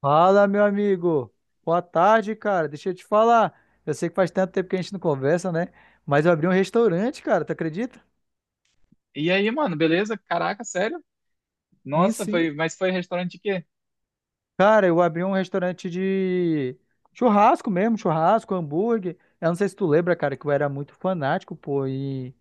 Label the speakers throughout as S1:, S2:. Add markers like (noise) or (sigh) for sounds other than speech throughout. S1: Fala, meu amigo. Boa tarde, cara. Deixa eu te falar. Eu sei que faz tanto tempo que a gente não conversa, né? Mas eu abri um restaurante, cara. Tu acredita?
S2: E aí, mano, beleza? Caraca, sério?
S1: Sim,
S2: Nossa,
S1: sim.
S2: foi, mas foi restaurante de quê?
S1: Cara, eu abri um restaurante de churrasco mesmo, churrasco, hambúrguer. Eu não sei se tu lembra, cara, que eu era muito fanático, pô, e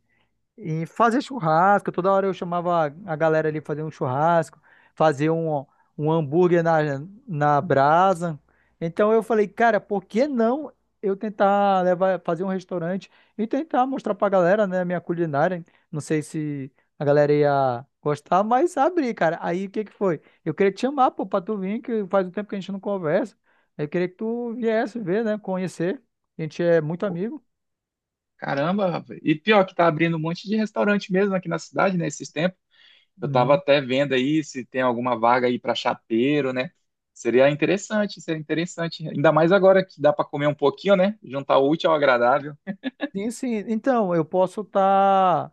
S1: E fazer churrasco, toda hora eu chamava a galera ali fazer um churrasco, fazer um, um hambúrguer na brasa. Então eu falei, cara, por que não eu tentar levar, fazer um restaurante e tentar mostrar pra galera, né, minha culinária? Não sei se a galera ia gostar, mas abri, cara. Aí o que que foi? Eu queria te chamar, pô, pra tu vir, que faz um tempo que a gente não conversa. Eu queria que tu viesse ver, né, conhecer. A gente é muito amigo.
S2: Caramba, rapaz. E pior que tá abrindo um monte de restaurante mesmo aqui na cidade, né, esses tempos. Eu tava
S1: Uhum.
S2: até vendo aí se tem alguma vaga aí pra chapeiro, né? Seria interessante, seria interessante. Ainda mais agora que dá pra comer um pouquinho, né? Juntar o útil ao agradável.
S1: Sim, sim. Então,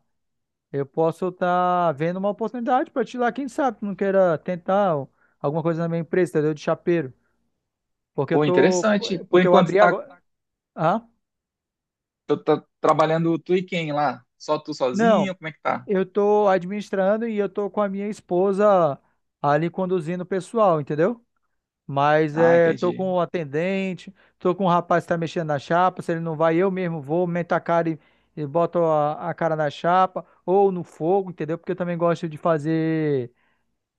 S1: eu posso estar vendo uma oportunidade para te lá, quem sabe, tu não queira tentar alguma coisa na minha empresa, entendeu? De chapeiro. Porque eu
S2: Pô,
S1: tô,
S2: interessante. Por
S1: porque eu
S2: enquanto
S1: abri
S2: tá,
S1: agora. Ah?
S2: tá trabalhando tu e quem lá? Só tu
S1: Não,
S2: sozinho? Como é que tá?
S1: eu tô administrando e eu tô com a minha esposa ali conduzindo o pessoal, entendeu? Mas
S2: Ah,
S1: é, tô
S2: entendi.
S1: com o atendente, tô com o rapaz que tá mexendo na chapa, se ele não vai, eu mesmo vou, meto a cara e boto a cara na chapa ou no fogo, entendeu? Porque eu também gosto de fazer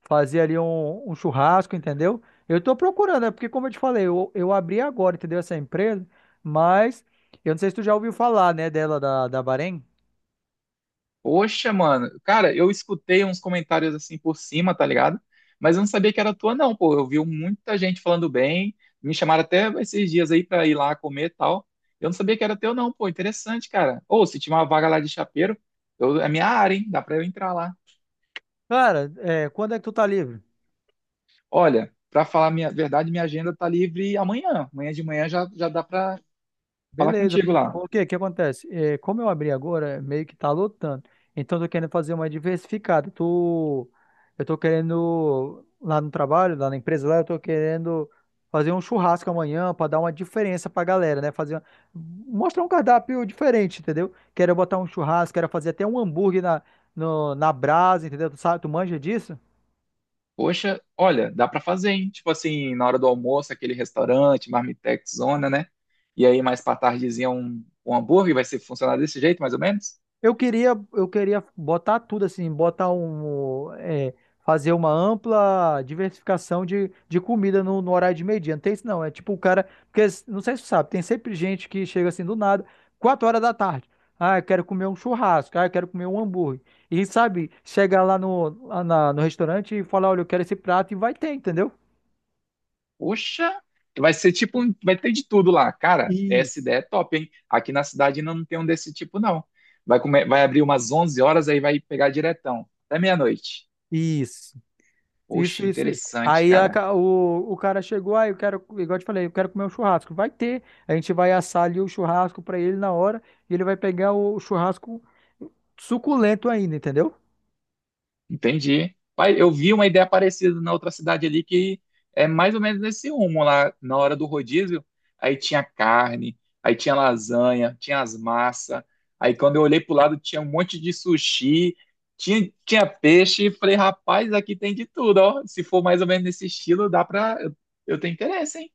S1: Fazer ali um, um churrasco, entendeu? Eu tô procurando, é porque, como eu te falei, eu abri agora, entendeu? Essa empresa, mas eu não sei se tu já ouviu falar, né, da Bahrein.
S2: Poxa, mano. Cara, eu escutei uns comentários assim por cima, tá ligado? Mas eu não sabia que era tua, não, pô. Eu vi muita gente falando bem. Me chamaram até esses dias aí pra ir lá comer e tal. Eu não sabia que era teu, não, pô. Interessante, cara. Ou se tinha uma vaga lá de chapeiro, é minha área, hein? Dá pra eu entrar lá.
S1: Cara, é, quando é que tu tá livre?
S2: Olha, pra falar a minha verdade, minha agenda tá livre amanhã. Amanhã de manhã já dá pra falar
S1: Beleza.
S2: contigo lá.
S1: Por quê? O que acontece? É, como eu abri agora, meio que tá lotando. Então, eu tô querendo fazer uma diversificada. Tô, eu tô querendo, lá no trabalho, lá na empresa, lá, eu tô querendo fazer um churrasco amanhã para dar uma diferença pra galera, né? Fazer, mostrar um cardápio diferente, entendeu? Quero botar um churrasco, quero fazer até um hambúrguer na, no- na brasa, entendeu? Tu sabe, tu manja disso?
S2: Poxa, olha, dá pra fazer, hein? Tipo assim, na hora do almoço, aquele restaurante, Marmitex, zona, né? E aí mais pra tardezinha um hambúrguer, vai ser funcionar desse jeito, mais ou menos?
S1: Eu queria botar tudo assim, botar um, é, fazer uma ampla diversificação de comida no horário de meio-dia. Não tem isso não, é tipo o cara, porque não sei se você sabe, tem sempre gente que chega assim do nada, 4 horas da tarde. Ah, eu quero comer um churrasco, ah, eu quero comer um hambúrguer. E sabe, chega lá no restaurante e fala olha, eu quero esse prato e vai ter, entendeu?
S2: Poxa, vai ser tipo, vai ter de tudo lá. Cara, essa
S1: Isso.
S2: ideia é top, hein? Aqui na cidade ainda não tem um desse tipo, não. Vai, comer, vai abrir umas 11 horas, aí vai pegar diretão, até meia-noite.
S1: Isso.
S2: Poxa,
S1: Isso, isso, isso.
S2: interessante,
S1: Aí a
S2: cara.
S1: ca- o, o cara chegou, aí eu quero, igual eu te falei, eu quero comer um churrasco. Vai ter, a gente vai assar ali o churrasco pra ele na hora e ele vai pegar o churrasco suculento ainda, entendeu?
S2: Entendi. Pai, eu vi uma ideia parecida na outra cidade ali que é mais ou menos nesse rumo lá na hora do rodízio. Aí tinha carne, aí tinha lasanha, tinha as massas. Aí quando eu olhei pro lado tinha um monte de sushi, tinha peixe. E falei, rapaz, aqui tem de tudo, ó. Se for mais ou menos nesse estilo, dá pra. Eu tenho interesse, hein?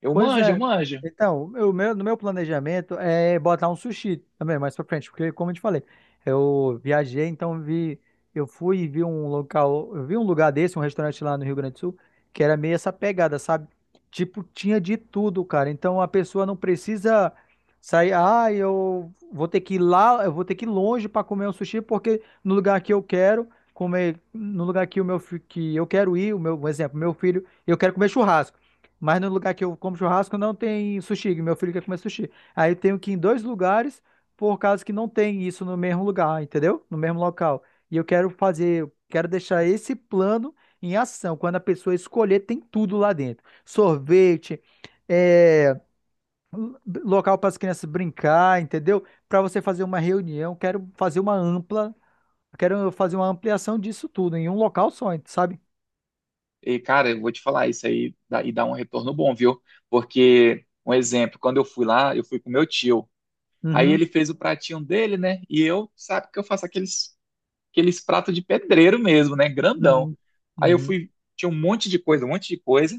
S1: Pois
S2: Eu
S1: é.
S2: manjo.
S1: Então, no meu planejamento é botar um sushi também mais pra frente, porque como eu te falei, eu viajei, então vi, eu fui e vi um local, eu vi um lugar desse, um restaurante lá no Rio Grande do Sul, que era meio essa pegada, sabe? Tipo, tinha de tudo, cara. Então a pessoa não precisa sair, ah, eu vou ter que ir lá, eu vou ter que ir longe pra comer um sushi, porque no lugar que eu quero comer, no lugar que que eu quero ir, o meu, um exemplo, meu filho, eu quero comer churrasco. Mas no lugar que eu como churrasco não tem sushi, que meu filho quer comer sushi. Aí eu tenho que ir em dois lugares, por causa que não tem isso no mesmo lugar, entendeu? No mesmo local. E eu quero fazer, eu quero deixar esse plano em ação. Quando a pessoa escolher, tem tudo lá dentro. Sorvete, é, lo- local para as crianças brincar, entendeu? Para você fazer uma reunião, quero fazer uma ampla, quero fazer uma ampliação disso tudo em um local só, sabe?
S2: E cara, eu vou te falar e dá um retorno bom, viu? Porque, um exemplo, quando eu fui lá, eu fui com meu tio. Aí
S1: Uhum,
S2: ele fez o pratinho dele, né? E eu, sabe que eu faço aqueles pratos de pedreiro mesmo, né? Grandão.
S1: uhum,
S2: Aí eu
S1: uhum,
S2: fui, tinha um monte de coisa, um monte de coisa.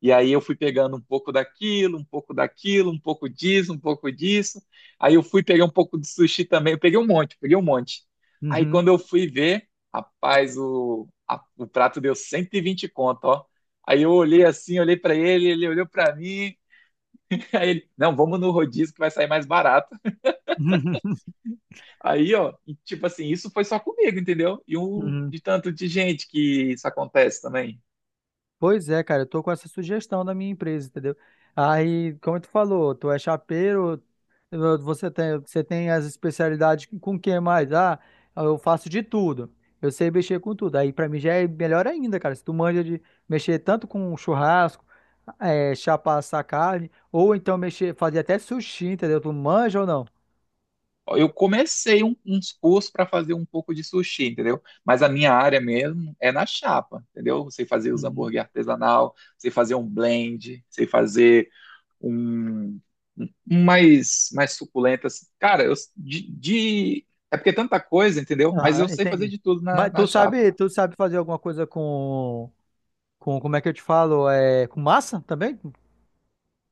S2: E aí eu fui pegando um pouco daquilo, um pouco daquilo, um pouco disso, um pouco disso. Aí eu fui pegar um pouco de sushi também. Eu peguei um monte, peguei um monte. Aí
S1: uhum,
S2: quando eu fui ver, rapaz, o prato deu 120 conto, ó. Aí eu olhei assim, olhei pra ele, ele olhou pra mim. (laughs) Aí ele, não, vamos no rodízio que vai sair mais barato.
S1: (laughs) uhum.
S2: Aí, ó, e, tipo assim, isso foi só comigo, entendeu? E um
S1: Uhum.
S2: de tanto de gente que isso acontece também.
S1: Pois é, cara, eu tô com essa sugestão da minha empresa, entendeu? Aí, como tu falou, tu é chapeiro, você tem as especialidades com o que mais? Ah, eu faço de tudo. Eu sei mexer com tudo. Aí pra mim já é melhor ainda, cara. Se tu manja de mexer tanto com churrasco, é, chapar essa carne, ou então mexer, fazer até sushi, entendeu? Tu manja ou não?
S2: Ó, eu uns cursos para fazer um pouco de sushi, entendeu? Mas a minha área mesmo é na chapa, entendeu? Sei fazer os
S1: Uhum.
S2: hambúrguer artesanal, sei fazer um blend, sei fazer um, um mais suculento. Assim. Cara, é porque é tanta coisa, entendeu? Mas eu
S1: Aham,
S2: sei fazer
S1: entendi.
S2: de tudo na
S1: Mas
S2: na chapa.
S1: tu sabe fazer alguma coisa como é que eu te falo? É, com massa também?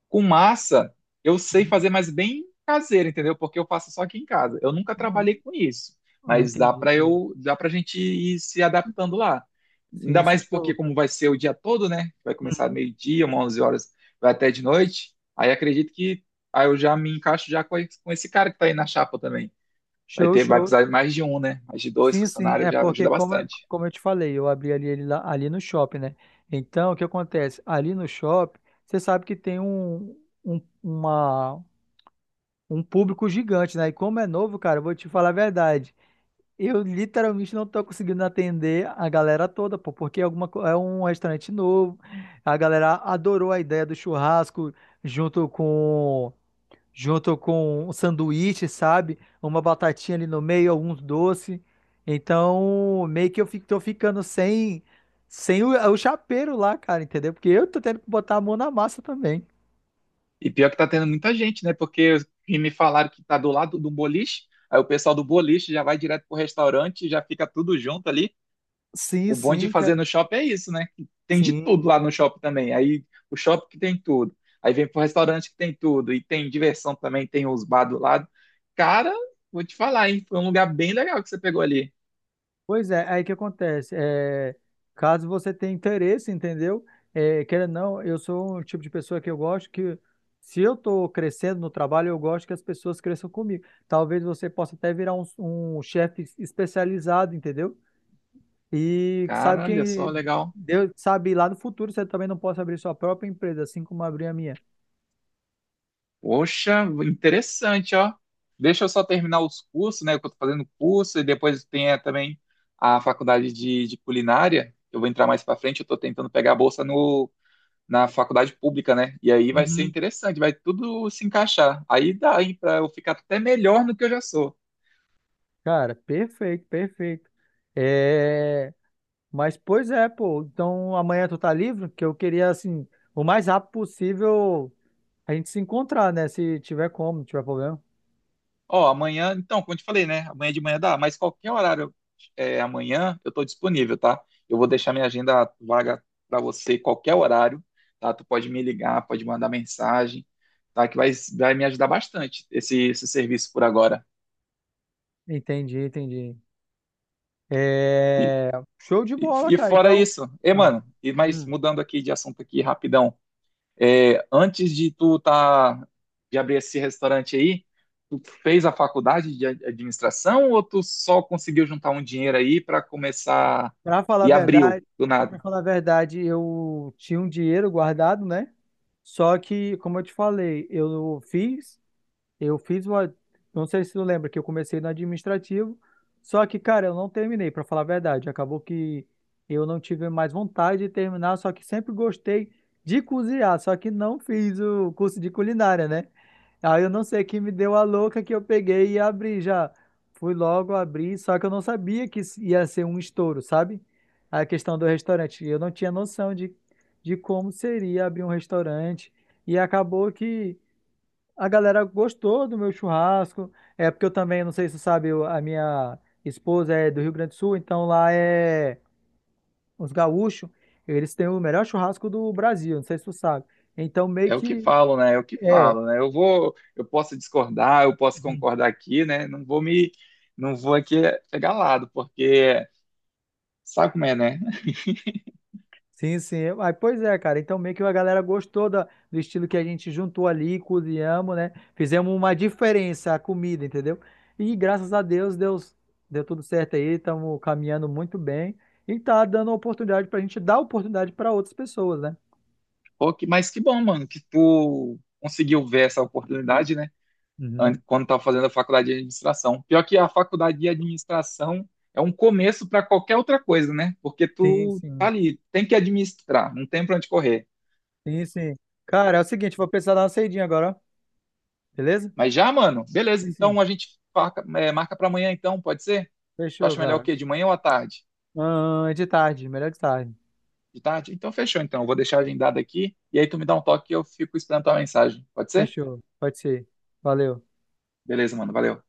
S2: Com massa, eu sei fazer, mas bem caseiro, entendeu? Porque eu faço só aqui em casa. Eu nunca trabalhei com isso,
S1: Ah,
S2: mas dá
S1: entendi,
S2: para
S1: entendi.
S2: dá para gente ir se adaptando lá.
S1: Sim,
S2: Ainda
S1: sim,
S2: mais porque
S1: show.
S2: como vai ser o dia todo, né? Vai começar
S1: Uhum.
S2: meio-dia, umas 11 horas, vai até de noite. Aí acredito que aí eu já me encaixo já com esse cara que tá aí na chapa também. Vai
S1: Show,
S2: ter, vai
S1: show.
S2: precisar de mais de um, né? Mais de dois
S1: Sim, sim,
S2: funcionários
S1: é
S2: já
S1: porque
S2: ajuda
S1: como,
S2: bastante.
S1: como eu te falei, eu abri ali, ele lá, ali no shopping, né? Então, o que acontece? Ali no shopping, você sabe que tem um, uma, um público gigante, né? E como é novo, cara, eu vou te falar a verdade. Eu literalmente não tô conseguindo atender a galera toda, pô, porque é é um restaurante novo. A galera adorou a ideia do churrasco junto com junto com um sanduíche, sabe? Uma batatinha ali no meio, alguns doces. Então, meio que eu fico, tô ficando sem o chapeiro lá, cara, entendeu? Porque eu tô tendo que botar a mão na massa também.
S2: E pior que tá tendo muita gente, né? Porque os que me falaram que tá do lado do boliche, aí o pessoal do boliche já vai direto pro restaurante, já fica tudo junto ali.
S1: Sim,
S2: O bom de
S1: sim,
S2: fazer
S1: cara.
S2: no shopping é isso, né? Tem de tudo
S1: Sim.
S2: lá no shopping também. Aí o shopping que tem tudo. Aí vem pro restaurante que tem tudo. E tem diversão também, tem os bar do lado. Cara, vou te falar, hein? Foi um lugar bem legal que você pegou ali.
S1: Pois é, aí que acontece. É, caso você tenha interesse, entendeu? É, queira ou não, eu sou um tipo de pessoa que eu gosto que, se eu tô crescendo no trabalho, eu gosto que as pessoas cresçam comigo. Talvez você possa até virar um, um chefe especializado, entendeu? E sabe
S2: Cara, olha só,
S1: quem
S2: legal.
S1: Deus sabe lá no futuro você também não pode abrir sua própria empresa, assim como abrir a minha.
S2: Poxa, interessante, ó. Deixa eu só terminar os cursos, né? Que eu tô fazendo curso, e depois tem é, também a faculdade de culinária. Que eu vou entrar mais pra frente, eu tô tentando pegar a bolsa no, na faculdade pública, né? E aí vai ser
S1: Uhum.
S2: interessante, vai tudo se encaixar. Aí dá, hein, pra eu ficar até melhor do que eu já sou.
S1: Cara, perfeito, perfeito. É, mas pois é, pô. Então amanhã tu tá livre? Que eu queria assim, o mais rápido possível a gente se encontrar, né? Se tiver como, não tiver problema.
S2: Ó, amanhã, então, como eu te falei, né? Amanhã de manhã dá, mas qualquer horário é, amanhã eu tô disponível, tá? Eu vou deixar minha agenda vaga para você qualquer horário, tá? Tu pode me ligar, pode mandar mensagem, tá? Que vai, vai me ajudar bastante esse, esse serviço por agora.
S1: Entendi, entendi.
S2: E,
S1: É, show de bola,
S2: e
S1: cara.
S2: fora
S1: Então,
S2: isso, e
S1: ah,
S2: mano, e mas
S1: Hum.
S2: mudando aqui de assunto aqui rapidão, é, antes de de abrir esse restaurante aí, tu fez a faculdade de administração ou tu só conseguiu juntar um dinheiro aí para começar
S1: pra falar a
S2: e abriu
S1: verdade
S2: do nada?
S1: Pra falar a verdade, eu tinha um dinheiro guardado, né? Só que, como eu te falei, eu fiz. Eu fiz uma. Não sei se tu lembra que eu comecei no administrativo, só que, cara, eu não terminei, pra falar a verdade. Acabou que eu não tive mais vontade de terminar, só que sempre gostei de cozinhar, só que não fiz o curso de culinária, né? Aí eu não sei que me deu a louca que eu peguei e abri já. Fui logo abrir, só que eu não sabia que isso ia ser um estouro, sabe? A questão do restaurante. Eu não tinha noção de como seria abrir um restaurante. E acabou que. A galera gostou do meu churrasco. É porque eu também, não sei se você sabe, a minha esposa é do Rio Grande do Sul, então lá é os gaúchos, eles têm o melhor churrasco do Brasil, não sei se tu sabe. Então meio
S2: É o que
S1: que
S2: falo, né? É o que
S1: é,
S2: falo, né? Eu vou, eu posso discordar, eu posso concordar aqui, né? Não vou aqui pegar lado, porque sabe como é, né?
S1: Sim, sim. Aí, pois é, cara. Então, meio que a galera gostou da, do estilo que a gente juntou ali, cozinhamos, né? Fizemos uma diferença a comida, entendeu? E graças a Deus, Deus deu tudo certo aí. Estamos caminhando muito bem e tá dando oportunidade pra gente dar oportunidade para outras pessoas, né?
S2: Pô, mas que bom, mano, que tu conseguiu ver essa oportunidade, né?
S1: Uhum.
S2: Quando estava fazendo a faculdade de administração. Pior que a faculdade de administração é um começo para qualquer outra coisa, né? Porque
S1: Sim,
S2: tu tá
S1: sim.
S2: ali, tem que administrar, não tem para onde correr.
S1: Sim, sim. Cara, é o seguinte, vou precisar dar uma saidinha agora, ó. Beleza?
S2: Mas já, mano, beleza,
S1: Sim, sim.
S2: então a gente marca, é, marca para amanhã, então, pode ser? Tu
S1: Fechou,
S2: acha melhor o
S1: cara.
S2: quê? De manhã ou à tarde?
S1: Ah, é de tarde, melhor de tarde.
S2: De tarde? Então fechou, então. Eu vou deixar agendado aqui e aí tu me dá um toque e eu fico esperando tua mensagem. Pode ser?
S1: Fechou. Pode ser. Valeu.
S2: Beleza, mano, valeu.